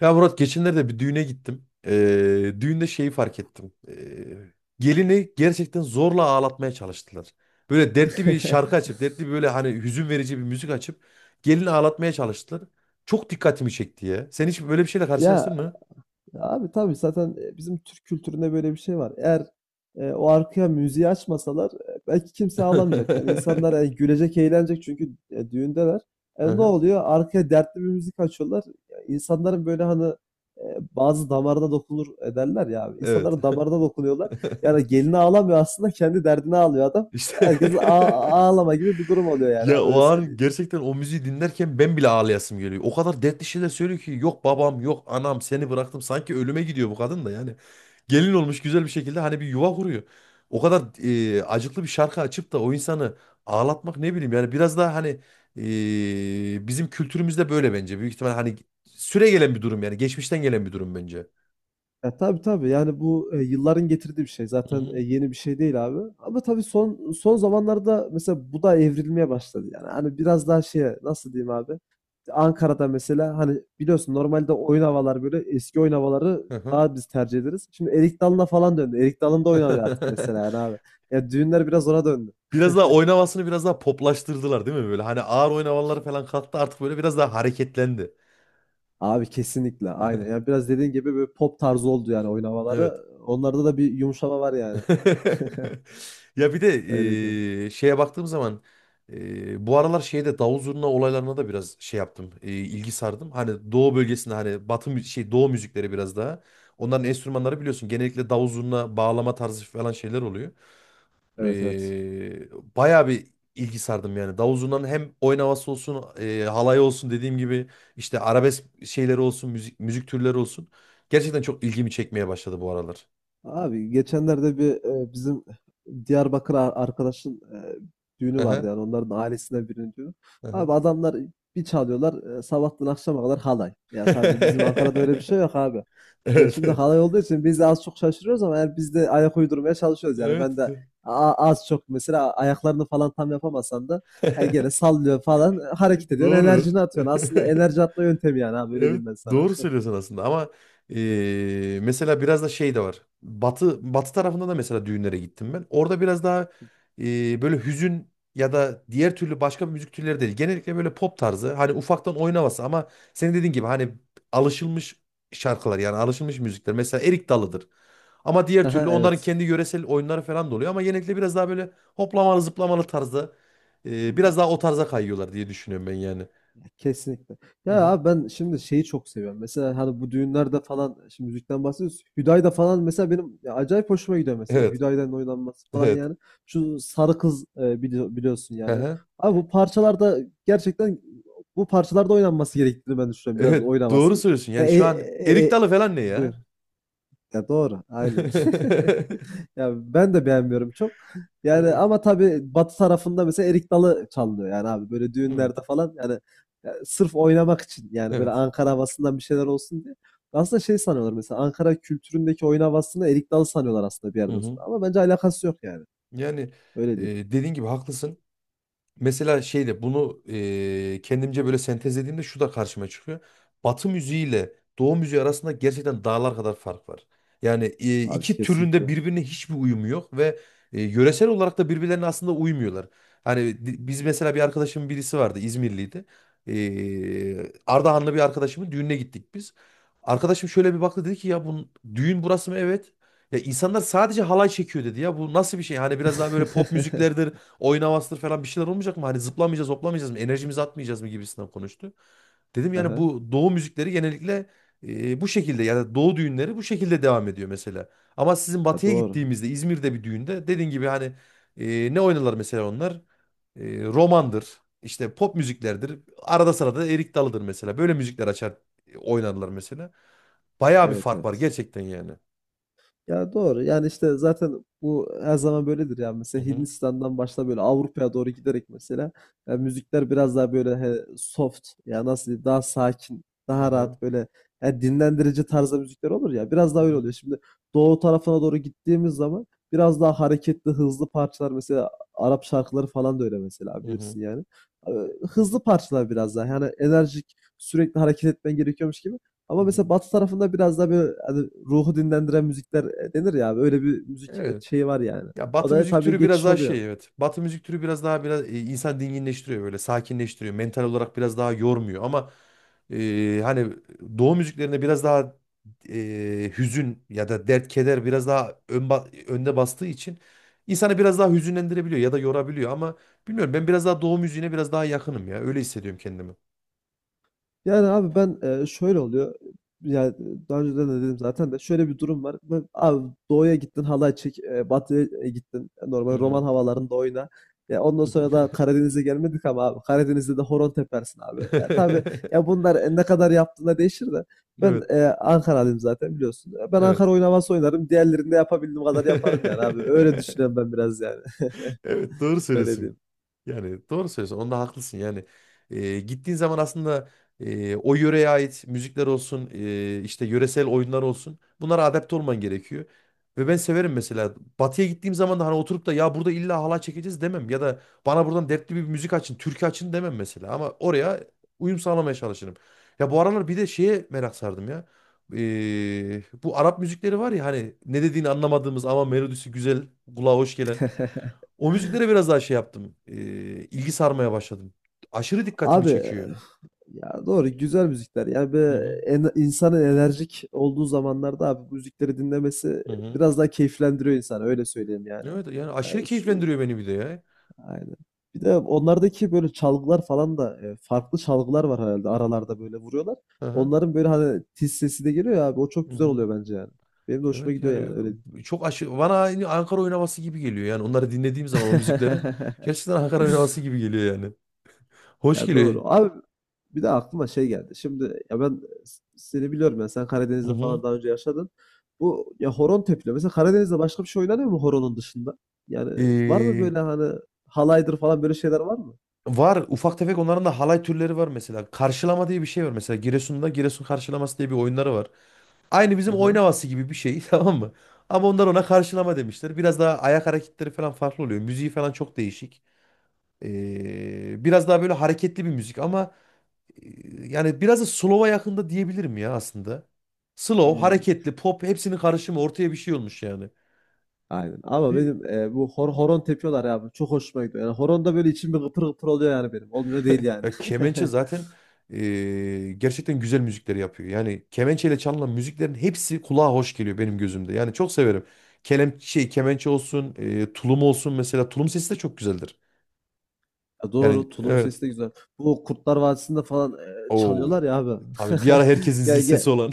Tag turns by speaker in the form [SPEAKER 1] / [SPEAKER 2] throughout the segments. [SPEAKER 1] Ya Murat geçenlerde bir düğüne gittim. Düğünde şeyi fark ettim. Gelini gerçekten zorla ağlatmaya çalıştılar. Böyle dertli bir şarkı açıp, dertli bir böyle hani hüzün verici bir müzik açıp gelini ağlatmaya çalıştılar. Çok dikkatimi çekti ya. Sen hiç böyle bir şeyle karşılaştın
[SPEAKER 2] Ya
[SPEAKER 1] mı?
[SPEAKER 2] abi tabii zaten bizim Türk kültüründe böyle bir şey var. Eğer o arkaya müziği açmasalar belki kimse ağlamayacak. Yani insanlar gülecek, eğlenecek çünkü düğündeler.
[SPEAKER 1] Hı
[SPEAKER 2] E, ne
[SPEAKER 1] hı.
[SPEAKER 2] oluyor? Arkaya dertli bir müzik açıyorlar. Ya, İnsanların böyle hani bazı damarda dokunur ederler ya, abi.
[SPEAKER 1] Evet.
[SPEAKER 2] İnsanların damarına dokunuyorlar. Yani gelini ağlamıyor aslında kendi derdine ağlıyor adam.
[SPEAKER 1] İşte.
[SPEAKER 2] Herkes ağ- Ağlama gibi bir durum oluyor yani
[SPEAKER 1] Ya
[SPEAKER 2] abi,
[SPEAKER 1] o
[SPEAKER 2] öyle
[SPEAKER 1] an
[SPEAKER 2] söyleyeyim.
[SPEAKER 1] gerçekten o müziği dinlerken ben bile ağlayasım geliyor. O kadar dertli şeyler söylüyor ki yok babam yok anam seni bıraktım. Sanki ölüme gidiyor bu kadın da yani. Gelin olmuş güzel bir şekilde hani bir yuva kuruyor. O kadar acıklı bir şarkı açıp da o insanı ağlatmak ne bileyim yani biraz daha hani bizim kültürümüzde böyle bence. Büyük ihtimal hani süre gelen bir durum yani geçmişten gelen bir durum bence.
[SPEAKER 2] Ya, tabii tabii. Yani bu yılların getirdiği bir şey.
[SPEAKER 1] Hı
[SPEAKER 2] Zaten
[SPEAKER 1] hı.
[SPEAKER 2] yeni bir şey değil abi. Ama tabii son zamanlarda mesela bu da evrilmeye başladı. Yani hani biraz daha şeye nasıl diyeyim abi? Ankara'da mesela hani biliyorsun normalde oyun havalar böyle eski oyun havaları
[SPEAKER 1] Hı hı.
[SPEAKER 2] daha biz tercih ederiz. Şimdi Erik Dalı'na falan döndü. Erik Dalı'nda oynanıyor artık mesela yani abi. Ya düğünler biraz ona döndü.
[SPEAKER 1] Biraz daha oynamasını biraz daha poplaştırdılar değil mi böyle? Hani ağır oynamaları falan kalktı artık böyle biraz daha hareketlendi.
[SPEAKER 2] Abi kesinlikle aynen. Yani biraz dediğin gibi böyle pop tarzı oldu yani oyun
[SPEAKER 1] Evet.
[SPEAKER 2] havaları. Onlarda da bir yumuşama var yani.
[SPEAKER 1] Ya bir de
[SPEAKER 2] Öyle diyeyim.
[SPEAKER 1] şeye baktığım zaman bu aralar şeyde davul zurna olaylarına da biraz şey yaptım. İlgi sardım. Hani doğu bölgesinde hani batı mü- şey doğu müzikleri biraz daha. Onların enstrümanları biliyorsun genellikle davul zurna bağlama tarzı falan şeyler oluyor.
[SPEAKER 2] Evet, evet.
[SPEAKER 1] Eee bayağı bir ilgi sardım yani. Davul zurnanın hem oyun havası olsun, halay olsun dediğim gibi işte arabesk şeyleri olsun, müzik türleri olsun. Gerçekten çok ilgimi çekmeye başladı bu aralar.
[SPEAKER 2] Abi geçenlerde bir bizim Diyarbakır arkadaşın
[SPEAKER 1] Hı
[SPEAKER 2] düğünü vardı,
[SPEAKER 1] hı.
[SPEAKER 2] yani onların ailesinden birinin düğünü.
[SPEAKER 1] Hı
[SPEAKER 2] Abi
[SPEAKER 1] hı.
[SPEAKER 2] adamlar bir çalıyorlar sabahtan akşama kadar halay. Ya tabii bizim Ankara'da öyle bir şey yok abi. Ya şimdi
[SPEAKER 1] Evet.
[SPEAKER 2] halay olduğu için biz de az çok şaşırıyoruz ama yani biz de ayak uydurmaya çalışıyoruz yani. Ben
[SPEAKER 1] Evet.
[SPEAKER 2] de az çok mesela ayaklarını falan tam yapamasan da gene sallıyor falan, hareket ediyorsun,
[SPEAKER 1] Doğru.
[SPEAKER 2] enerjini atıyorsun. Aslında enerji atma yöntemi yani abi, öyle
[SPEAKER 1] Evet
[SPEAKER 2] diyeyim ben sana.
[SPEAKER 1] doğru söylüyorsun aslında ama mesela biraz da şey de var. Batı tarafında da mesela düğünlere gittim ben. Orada biraz daha böyle hüzün ya da diğer türlü başka bir müzik türleri değil. Genellikle böyle pop tarzı hani ufaktan oyun ama senin dediğin gibi hani alışılmış şarkılar yani alışılmış müzikler. Mesela Erik Dalı'dır. Ama diğer türlü
[SPEAKER 2] Aha,
[SPEAKER 1] onların
[SPEAKER 2] evet.
[SPEAKER 1] kendi yöresel oyunları falan da oluyor ama genellikle biraz daha böyle hoplamalı zıplamalı tarzda biraz daha o tarza kayıyorlar diye düşünüyorum ben yani.
[SPEAKER 2] Kesinlikle.
[SPEAKER 1] Hı
[SPEAKER 2] Ya
[SPEAKER 1] hı.
[SPEAKER 2] abi ben şimdi şeyi çok seviyorum. Mesela hani bu düğünlerde falan şimdi müzikten bahsediyoruz. Hüdayda falan mesela benim ya acayip hoşuma gidiyor mesela.
[SPEAKER 1] Evet,
[SPEAKER 2] Hüdayda'nın oynanması falan
[SPEAKER 1] evet.
[SPEAKER 2] yani. Şu Sarı Kız, biliyorsun yani. Abi bu parçalarda gerçekten bu parçalarda oynanması gerektiğini ben düşünüyorum. Biraz
[SPEAKER 1] Evet doğru
[SPEAKER 2] oynamasının.
[SPEAKER 1] söylüyorsun.
[SPEAKER 2] Ya,
[SPEAKER 1] Yani
[SPEAKER 2] e,
[SPEAKER 1] şu an
[SPEAKER 2] e,
[SPEAKER 1] erik
[SPEAKER 2] e,
[SPEAKER 1] dalı falan ne
[SPEAKER 2] buyur.
[SPEAKER 1] ya?
[SPEAKER 2] Ya doğru. Aynen. Ya ben de beğenmiyorum çok. Yani
[SPEAKER 1] Evet.
[SPEAKER 2] ama tabii batı tarafında mesela erik dalı çalınıyor yani abi böyle düğünlerde
[SPEAKER 1] Evet.
[SPEAKER 2] falan yani, ya sırf oynamak için yani, böyle
[SPEAKER 1] Evet.
[SPEAKER 2] Ankara havasından bir şeyler olsun diye. Aslında şey sanıyorlar, mesela Ankara kültüründeki oyun havasını erik dalı sanıyorlar aslında bir
[SPEAKER 1] Hı
[SPEAKER 2] yerden
[SPEAKER 1] hı.
[SPEAKER 2] sonra, ama bence alakası yok yani.
[SPEAKER 1] Yani
[SPEAKER 2] Öyle
[SPEAKER 1] e,
[SPEAKER 2] diyeyim.
[SPEAKER 1] dediğin gibi haklısın. Mesela şeyde bunu kendimce böyle sentezlediğimde şu da karşıma çıkıyor. Batı müziğiyle Doğu müziği arasında gerçekten dağlar kadar fark var. Yani
[SPEAKER 2] Abi
[SPEAKER 1] iki türünde
[SPEAKER 2] kesinlikle.
[SPEAKER 1] birbirine hiçbir uyumu yok ve yöresel olarak da birbirlerine aslında uymuyorlar. Hani biz mesela bir arkadaşımın birisi vardı İzmirliydi. Ardahanlı bir arkadaşımın düğününe gittik biz. Arkadaşım şöyle bir baktı dedi ki ya bu düğün burası mı? Evet. Ya insanlar sadece halay çekiyor dedi ya bu nasıl bir şey? Hani biraz daha böyle pop müziklerdir. Oynamazdır falan bir şeyler olmayacak mı? Hani zıplamayacağız, hoplamayacağız mı? Enerjimizi atmayacağız mı gibisinden konuştu. Dedim yani
[SPEAKER 2] Aha.
[SPEAKER 1] bu doğu müzikleri genellikle bu şekilde yani doğu düğünleri bu şekilde devam ediyor mesela. Ama sizin
[SPEAKER 2] Ya
[SPEAKER 1] batıya
[SPEAKER 2] doğru.
[SPEAKER 1] gittiğimizde İzmir'de bir düğünde dediğin gibi hani ne oynarlar mesela onlar? E, romandır, işte pop müziklerdir. Arada sırada da Erik Dalı'dır mesela. Böyle müzikler açar oynarlar mesela. Bayağı bir
[SPEAKER 2] Evet,
[SPEAKER 1] fark var
[SPEAKER 2] evet.
[SPEAKER 1] gerçekten yani.
[SPEAKER 2] Ya doğru. Yani işte zaten bu her zaman böyledir ya.
[SPEAKER 1] Hı
[SPEAKER 2] Mesela
[SPEAKER 1] hı.
[SPEAKER 2] Hindistan'dan başla böyle Avrupa'ya doğru giderek mesela ya müzikler biraz daha böyle soft ya nasıl diyeyim, daha sakin,
[SPEAKER 1] Hı
[SPEAKER 2] daha
[SPEAKER 1] hı.
[SPEAKER 2] rahat, böyle ya dinlendirici tarzda müzikler olur ya. Biraz
[SPEAKER 1] Hı
[SPEAKER 2] daha öyle
[SPEAKER 1] hı.
[SPEAKER 2] oluyor. Şimdi doğu tarafına doğru gittiğimiz zaman biraz daha hareketli, hızlı parçalar mesela Arap şarkıları falan da öyle mesela
[SPEAKER 1] Hı hı.
[SPEAKER 2] bilirsin yani. Ee, Hızlı parçalar biraz daha. Yani enerjik, sürekli hareket etmen gerekiyormuş gibi.
[SPEAKER 1] Hı
[SPEAKER 2] Ama mesela
[SPEAKER 1] hı.
[SPEAKER 2] Batı tarafında biraz daha böyle hani ruhu dinlendiren müzikler denir ya abi. Öyle bir müzik
[SPEAKER 1] Evet.
[SPEAKER 2] şeyi var yani.
[SPEAKER 1] Ya
[SPEAKER 2] O
[SPEAKER 1] Batı
[SPEAKER 2] da
[SPEAKER 1] müzik
[SPEAKER 2] tabii
[SPEAKER 1] türü biraz
[SPEAKER 2] geçiş
[SPEAKER 1] daha
[SPEAKER 2] oluyor.
[SPEAKER 1] şey evet. Batı müzik türü biraz daha biraz insan dinginleştiriyor böyle sakinleştiriyor. Mental olarak biraz daha yormuyor ama hani Doğu müziklerinde biraz daha hüzün ya da dert keder biraz daha önde bastığı için insanı biraz daha hüzünlendirebiliyor ya da yorabiliyor ama bilmiyorum ben biraz daha Doğu müziğine biraz daha yakınım ya öyle hissediyorum kendimi.
[SPEAKER 2] Yani abi ben, şöyle oluyor, yani daha önce de dedim zaten de şöyle bir durum var. Ben abi, doğuya gittin halay çek, batıya, gittin
[SPEAKER 1] Hı
[SPEAKER 2] normal roman
[SPEAKER 1] hı.
[SPEAKER 2] havalarında oyna. Ya, ondan sonra da Karadeniz'e gelmedik ama abi Karadeniz'de de horon tepersin abi. E, tabii ya bunlar, ne kadar yaptığına değişir de ben,
[SPEAKER 1] Evet.
[SPEAKER 2] eee, Ankaralıyım zaten biliyorsun. E, ben
[SPEAKER 1] Evet.
[SPEAKER 2] Ankara oynaması oynarım. Diğerlerini de yapabildiğim kadar yaparım yani abi. Öyle düşünüyorum ben biraz yani.
[SPEAKER 1] Evet doğru
[SPEAKER 2] Öyle
[SPEAKER 1] söylüyorsun.
[SPEAKER 2] diyeyim.
[SPEAKER 1] Yani doğru söylüyorsun. Onda haklısın. Yani gittiğin zaman aslında o yöreye ait müzikler olsun, işte yöresel oyunlar olsun. Bunlara adapte olman gerekiyor. Ve ben severim mesela. Batı'ya gittiğim zaman da hani oturup da ya burada illa halay çekeceğiz demem. Ya da bana buradan dertli bir müzik açın, türkü açın demem mesela. Ama oraya uyum sağlamaya çalışırım. Ya bu aralar bir de şeye merak sardım ya. Bu Arap müzikleri var ya hani ne dediğini anlamadığımız ama melodisi güzel, kulağa hoş gelen. O müziklere biraz daha şey yaptım. E, ilgi sarmaya başladım. Aşırı dikkatimi
[SPEAKER 2] Abi,
[SPEAKER 1] çekiyor.
[SPEAKER 2] ya doğru, güzel müzikler. Yani
[SPEAKER 1] Hı
[SPEAKER 2] böyle
[SPEAKER 1] hı.
[SPEAKER 2] insanın enerjik olduğu zamanlarda abi bu müzikleri dinlemesi
[SPEAKER 1] Hı hı.
[SPEAKER 2] biraz daha keyiflendiriyor insanı, öyle söyleyeyim yani.
[SPEAKER 1] Evet yani aşırı
[SPEAKER 2] Yani şu,
[SPEAKER 1] keyiflendiriyor beni bir de ya.
[SPEAKER 2] aynen. Bir de onlardaki böyle çalgılar falan da farklı çalgılar var herhalde, aralarda böyle vuruyorlar.
[SPEAKER 1] Hı hı.
[SPEAKER 2] Onların böyle hani tiz sesi de geliyor ya abi, o çok
[SPEAKER 1] Hı
[SPEAKER 2] güzel
[SPEAKER 1] hı.
[SPEAKER 2] oluyor bence yani. Benim de hoşuma
[SPEAKER 1] Evet
[SPEAKER 2] gidiyor yani,
[SPEAKER 1] yani
[SPEAKER 2] öyle diyeyim.
[SPEAKER 1] çok aşırı bana aynı Ankara oyun havası gibi geliyor yani onları dinlediğim zaman o müzikleri gerçekten Ankara oyun havası gibi geliyor yani. Hoş
[SPEAKER 2] Ya
[SPEAKER 1] geliyor.
[SPEAKER 2] doğru. Abi bir de aklıma şey geldi. Şimdi ya ben seni biliyorum ya, sen
[SPEAKER 1] Hı
[SPEAKER 2] Karadeniz'de
[SPEAKER 1] hı.
[SPEAKER 2] falan daha önce yaşadın. Bu ya horon tepiliyor. Mesela Karadeniz'de başka bir şey oynanıyor mu horonun dışında? Yani var mı
[SPEAKER 1] Ee,
[SPEAKER 2] böyle hani halaydır falan, böyle şeyler var mı?
[SPEAKER 1] var ufak tefek onların da halay türleri var mesela. Karşılama diye bir şey var mesela Giresun'da Giresun karşılaması diye bir oyunları var. Aynı bizim
[SPEAKER 2] Aha.
[SPEAKER 1] oynaması gibi bir şey tamam mı? Ama onlar ona karşılama demişler. Biraz daha ayak hareketleri falan farklı oluyor. Müziği falan çok değişik. Biraz daha böyle hareketli bir müzik ama e, yani biraz da slow'a yakında diyebilirim ya aslında. Slow,
[SPEAKER 2] Hmm.
[SPEAKER 1] hareketli, pop hepsinin karışımı ortaya bir şey olmuş yani.
[SPEAKER 2] Aynen. Ama benim bu horon tepiyorlar ya abi. Çok hoşuma gidiyor. Yani horonda böyle içim bir gıpır gıpır oluyor yani benim. Olmuyor değil yani.
[SPEAKER 1] Ya kemençe zaten gerçekten güzel müzikleri yapıyor. Yani kemençeyle çalınan müziklerin hepsi kulağa hoş geliyor benim gözümde. Yani çok severim. Şey kemençe olsun, tulum olsun mesela tulum sesi de çok güzeldir.
[SPEAKER 2] Ya
[SPEAKER 1] Yani
[SPEAKER 2] doğru. Tulum
[SPEAKER 1] evet.
[SPEAKER 2] sesi de güzel. Bu Kurtlar Vadisi'nde falan çalıyorlar
[SPEAKER 1] Oo.
[SPEAKER 2] ya abi.
[SPEAKER 1] Abi bir ara herkesin zil
[SPEAKER 2] Gel
[SPEAKER 1] sesi
[SPEAKER 2] gel.
[SPEAKER 1] olan.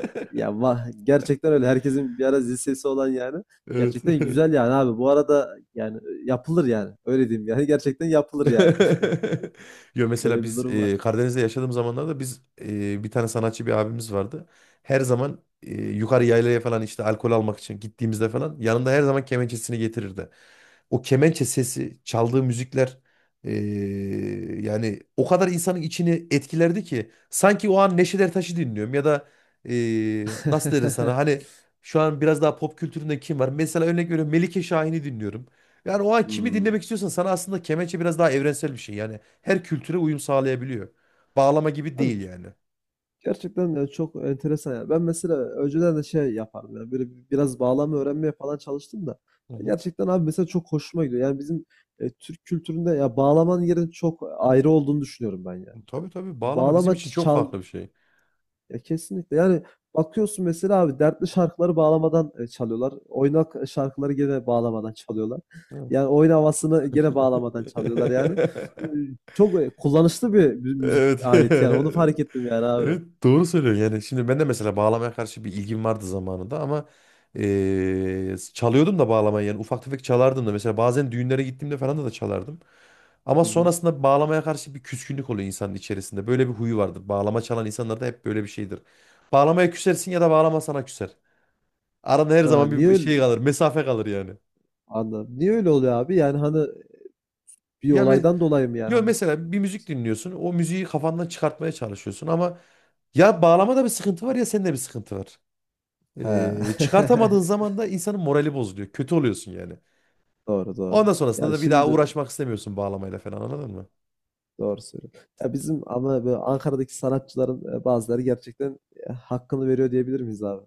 [SPEAKER 2] Ya, gerçekten öyle. Herkesin bir ara zil sesi olan yani.
[SPEAKER 1] Evet.
[SPEAKER 2] Gerçekten güzel yani abi. Bu arada yani yapılır yani. Öyle diyeyim yani. Gerçekten yapılır yani.
[SPEAKER 1] Yo mesela
[SPEAKER 2] Öyle bir
[SPEAKER 1] biz
[SPEAKER 2] durum var.
[SPEAKER 1] Karadeniz'de yaşadığım zamanlarda biz bir tane sanatçı bir abimiz vardı. Her zaman yukarı yaylaya falan işte alkol almak için gittiğimizde falan yanında her zaman kemençesini getirirdi. O kemençe sesi, çaldığı müzikler e, yani o kadar insanın içini etkilerdi ki sanki o an Neşet Ertaş'ı dinliyorum ya da e, nasıl deriz sana hani şu an biraz daha pop kültüründe kim var? Mesela örnek veriyorum Melike Şahin'i dinliyorum. Yani o an kimi
[SPEAKER 2] Hmm.
[SPEAKER 1] dinlemek istiyorsan sana aslında kemençe biraz daha evrensel bir şey. Yani her kültüre uyum sağlayabiliyor. Bağlama gibi
[SPEAKER 2] Abi
[SPEAKER 1] değil yani.
[SPEAKER 2] gerçekten ya çok enteresan yani. Ben mesela önceden de şey yapardım yani böyle biraz bağlama öğrenmeye falan çalıştım da
[SPEAKER 1] Hı hı.
[SPEAKER 2] gerçekten abi mesela çok hoşuma gidiyor. Yani bizim Türk kültüründe ya bağlamanın yerinin çok ayrı olduğunu düşünüyorum ben ya.
[SPEAKER 1] Tabii tabii bağlama bizim
[SPEAKER 2] Bağlama
[SPEAKER 1] için çok
[SPEAKER 2] çal.
[SPEAKER 1] farklı bir şey.
[SPEAKER 2] Ya kesinlikle. Yani bakıyorsun mesela abi, dertli şarkıları bağlamadan çalıyorlar. Oynak şarkıları gene bağlamadan çalıyorlar.
[SPEAKER 1] Evet.
[SPEAKER 2] Yani oyun havasını gene bağlamadan çalıyorlar yani. E, Çok kullanışlı bir müzik
[SPEAKER 1] Evet.
[SPEAKER 2] aleti yani. Onu fark ettim yani
[SPEAKER 1] Evet
[SPEAKER 2] abi.
[SPEAKER 1] doğru söylüyorsun yani şimdi ben de mesela bağlamaya karşı bir ilgim vardı zamanında ama çalıyordum da bağlamayı yani ufak tefek çalardım da mesela bazen düğünlere gittiğimde falan da çalardım. Ama
[SPEAKER 2] Hı hı.
[SPEAKER 1] sonrasında bağlamaya karşı bir küskünlük oluyor insanın içerisinde böyle bir huyu vardır bağlama çalan insanlarda hep böyle bir şeydir. Bağlamaya küsersin ya da bağlama sana küser. Arada her
[SPEAKER 2] Ha,
[SPEAKER 1] zaman
[SPEAKER 2] niye
[SPEAKER 1] bir
[SPEAKER 2] öyle,
[SPEAKER 1] şey kalır mesafe kalır yani.
[SPEAKER 2] anladım. Niye öyle oluyor abi? Yani hani bir
[SPEAKER 1] Ya me
[SPEAKER 2] olaydan dolayı mı yani?
[SPEAKER 1] yo,
[SPEAKER 2] Hani
[SPEAKER 1] mesela bir müzik dinliyorsun o müziği kafandan çıkartmaya çalışıyorsun ama ya bağlamada bir sıkıntı var ya sende bir sıkıntı var. Ee,
[SPEAKER 2] he.
[SPEAKER 1] çıkartamadığın zaman da insanın morali bozuluyor. Kötü oluyorsun yani.
[SPEAKER 2] Doğru doğru.
[SPEAKER 1] Ondan sonrasında
[SPEAKER 2] Yani
[SPEAKER 1] da bir daha
[SPEAKER 2] şimdi
[SPEAKER 1] uğraşmak istemiyorsun bağlamayla falan anladın mı?
[SPEAKER 2] doğru söylüyorsun. Ya bizim ama böyle Ankara'daki sanatçıların bazıları gerçekten hakkını veriyor diyebilir miyiz abi?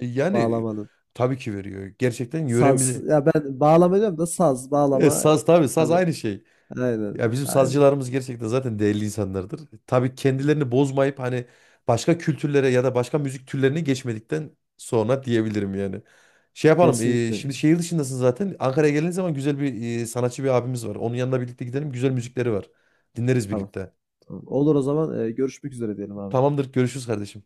[SPEAKER 1] Yani
[SPEAKER 2] Bağlamanın.
[SPEAKER 1] tabii ki veriyor. Gerçekten
[SPEAKER 2] Saz.
[SPEAKER 1] yöremizi.
[SPEAKER 2] Ya ben bağlama diyorum da, saz,
[SPEAKER 1] E,
[SPEAKER 2] bağlama,
[SPEAKER 1] saz tabii saz
[SPEAKER 2] tabii.
[SPEAKER 1] aynı şey.
[SPEAKER 2] Aynen,
[SPEAKER 1] Ya bizim
[SPEAKER 2] aynen.
[SPEAKER 1] sazcılarımız gerçekten zaten değerli insanlardır. Tabii kendilerini bozmayıp hani başka kültürlere ya da başka müzik türlerine geçmedikten sonra diyebilirim yani. Şey yapalım. e,
[SPEAKER 2] Kesinlikle.
[SPEAKER 1] şimdi şehir dışındasın zaten. Ankara'ya geldiğin zaman güzel bir sanatçı bir abimiz var. Onun yanına birlikte gidelim. Güzel müzikleri var. Dinleriz
[SPEAKER 2] Tamam,
[SPEAKER 1] birlikte.
[SPEAKER 2] tamam. Olur o zaman, görüşmek üzere diyelim abi.
[SPEAKER 1] Tamamdır görüşürüz kardeşim.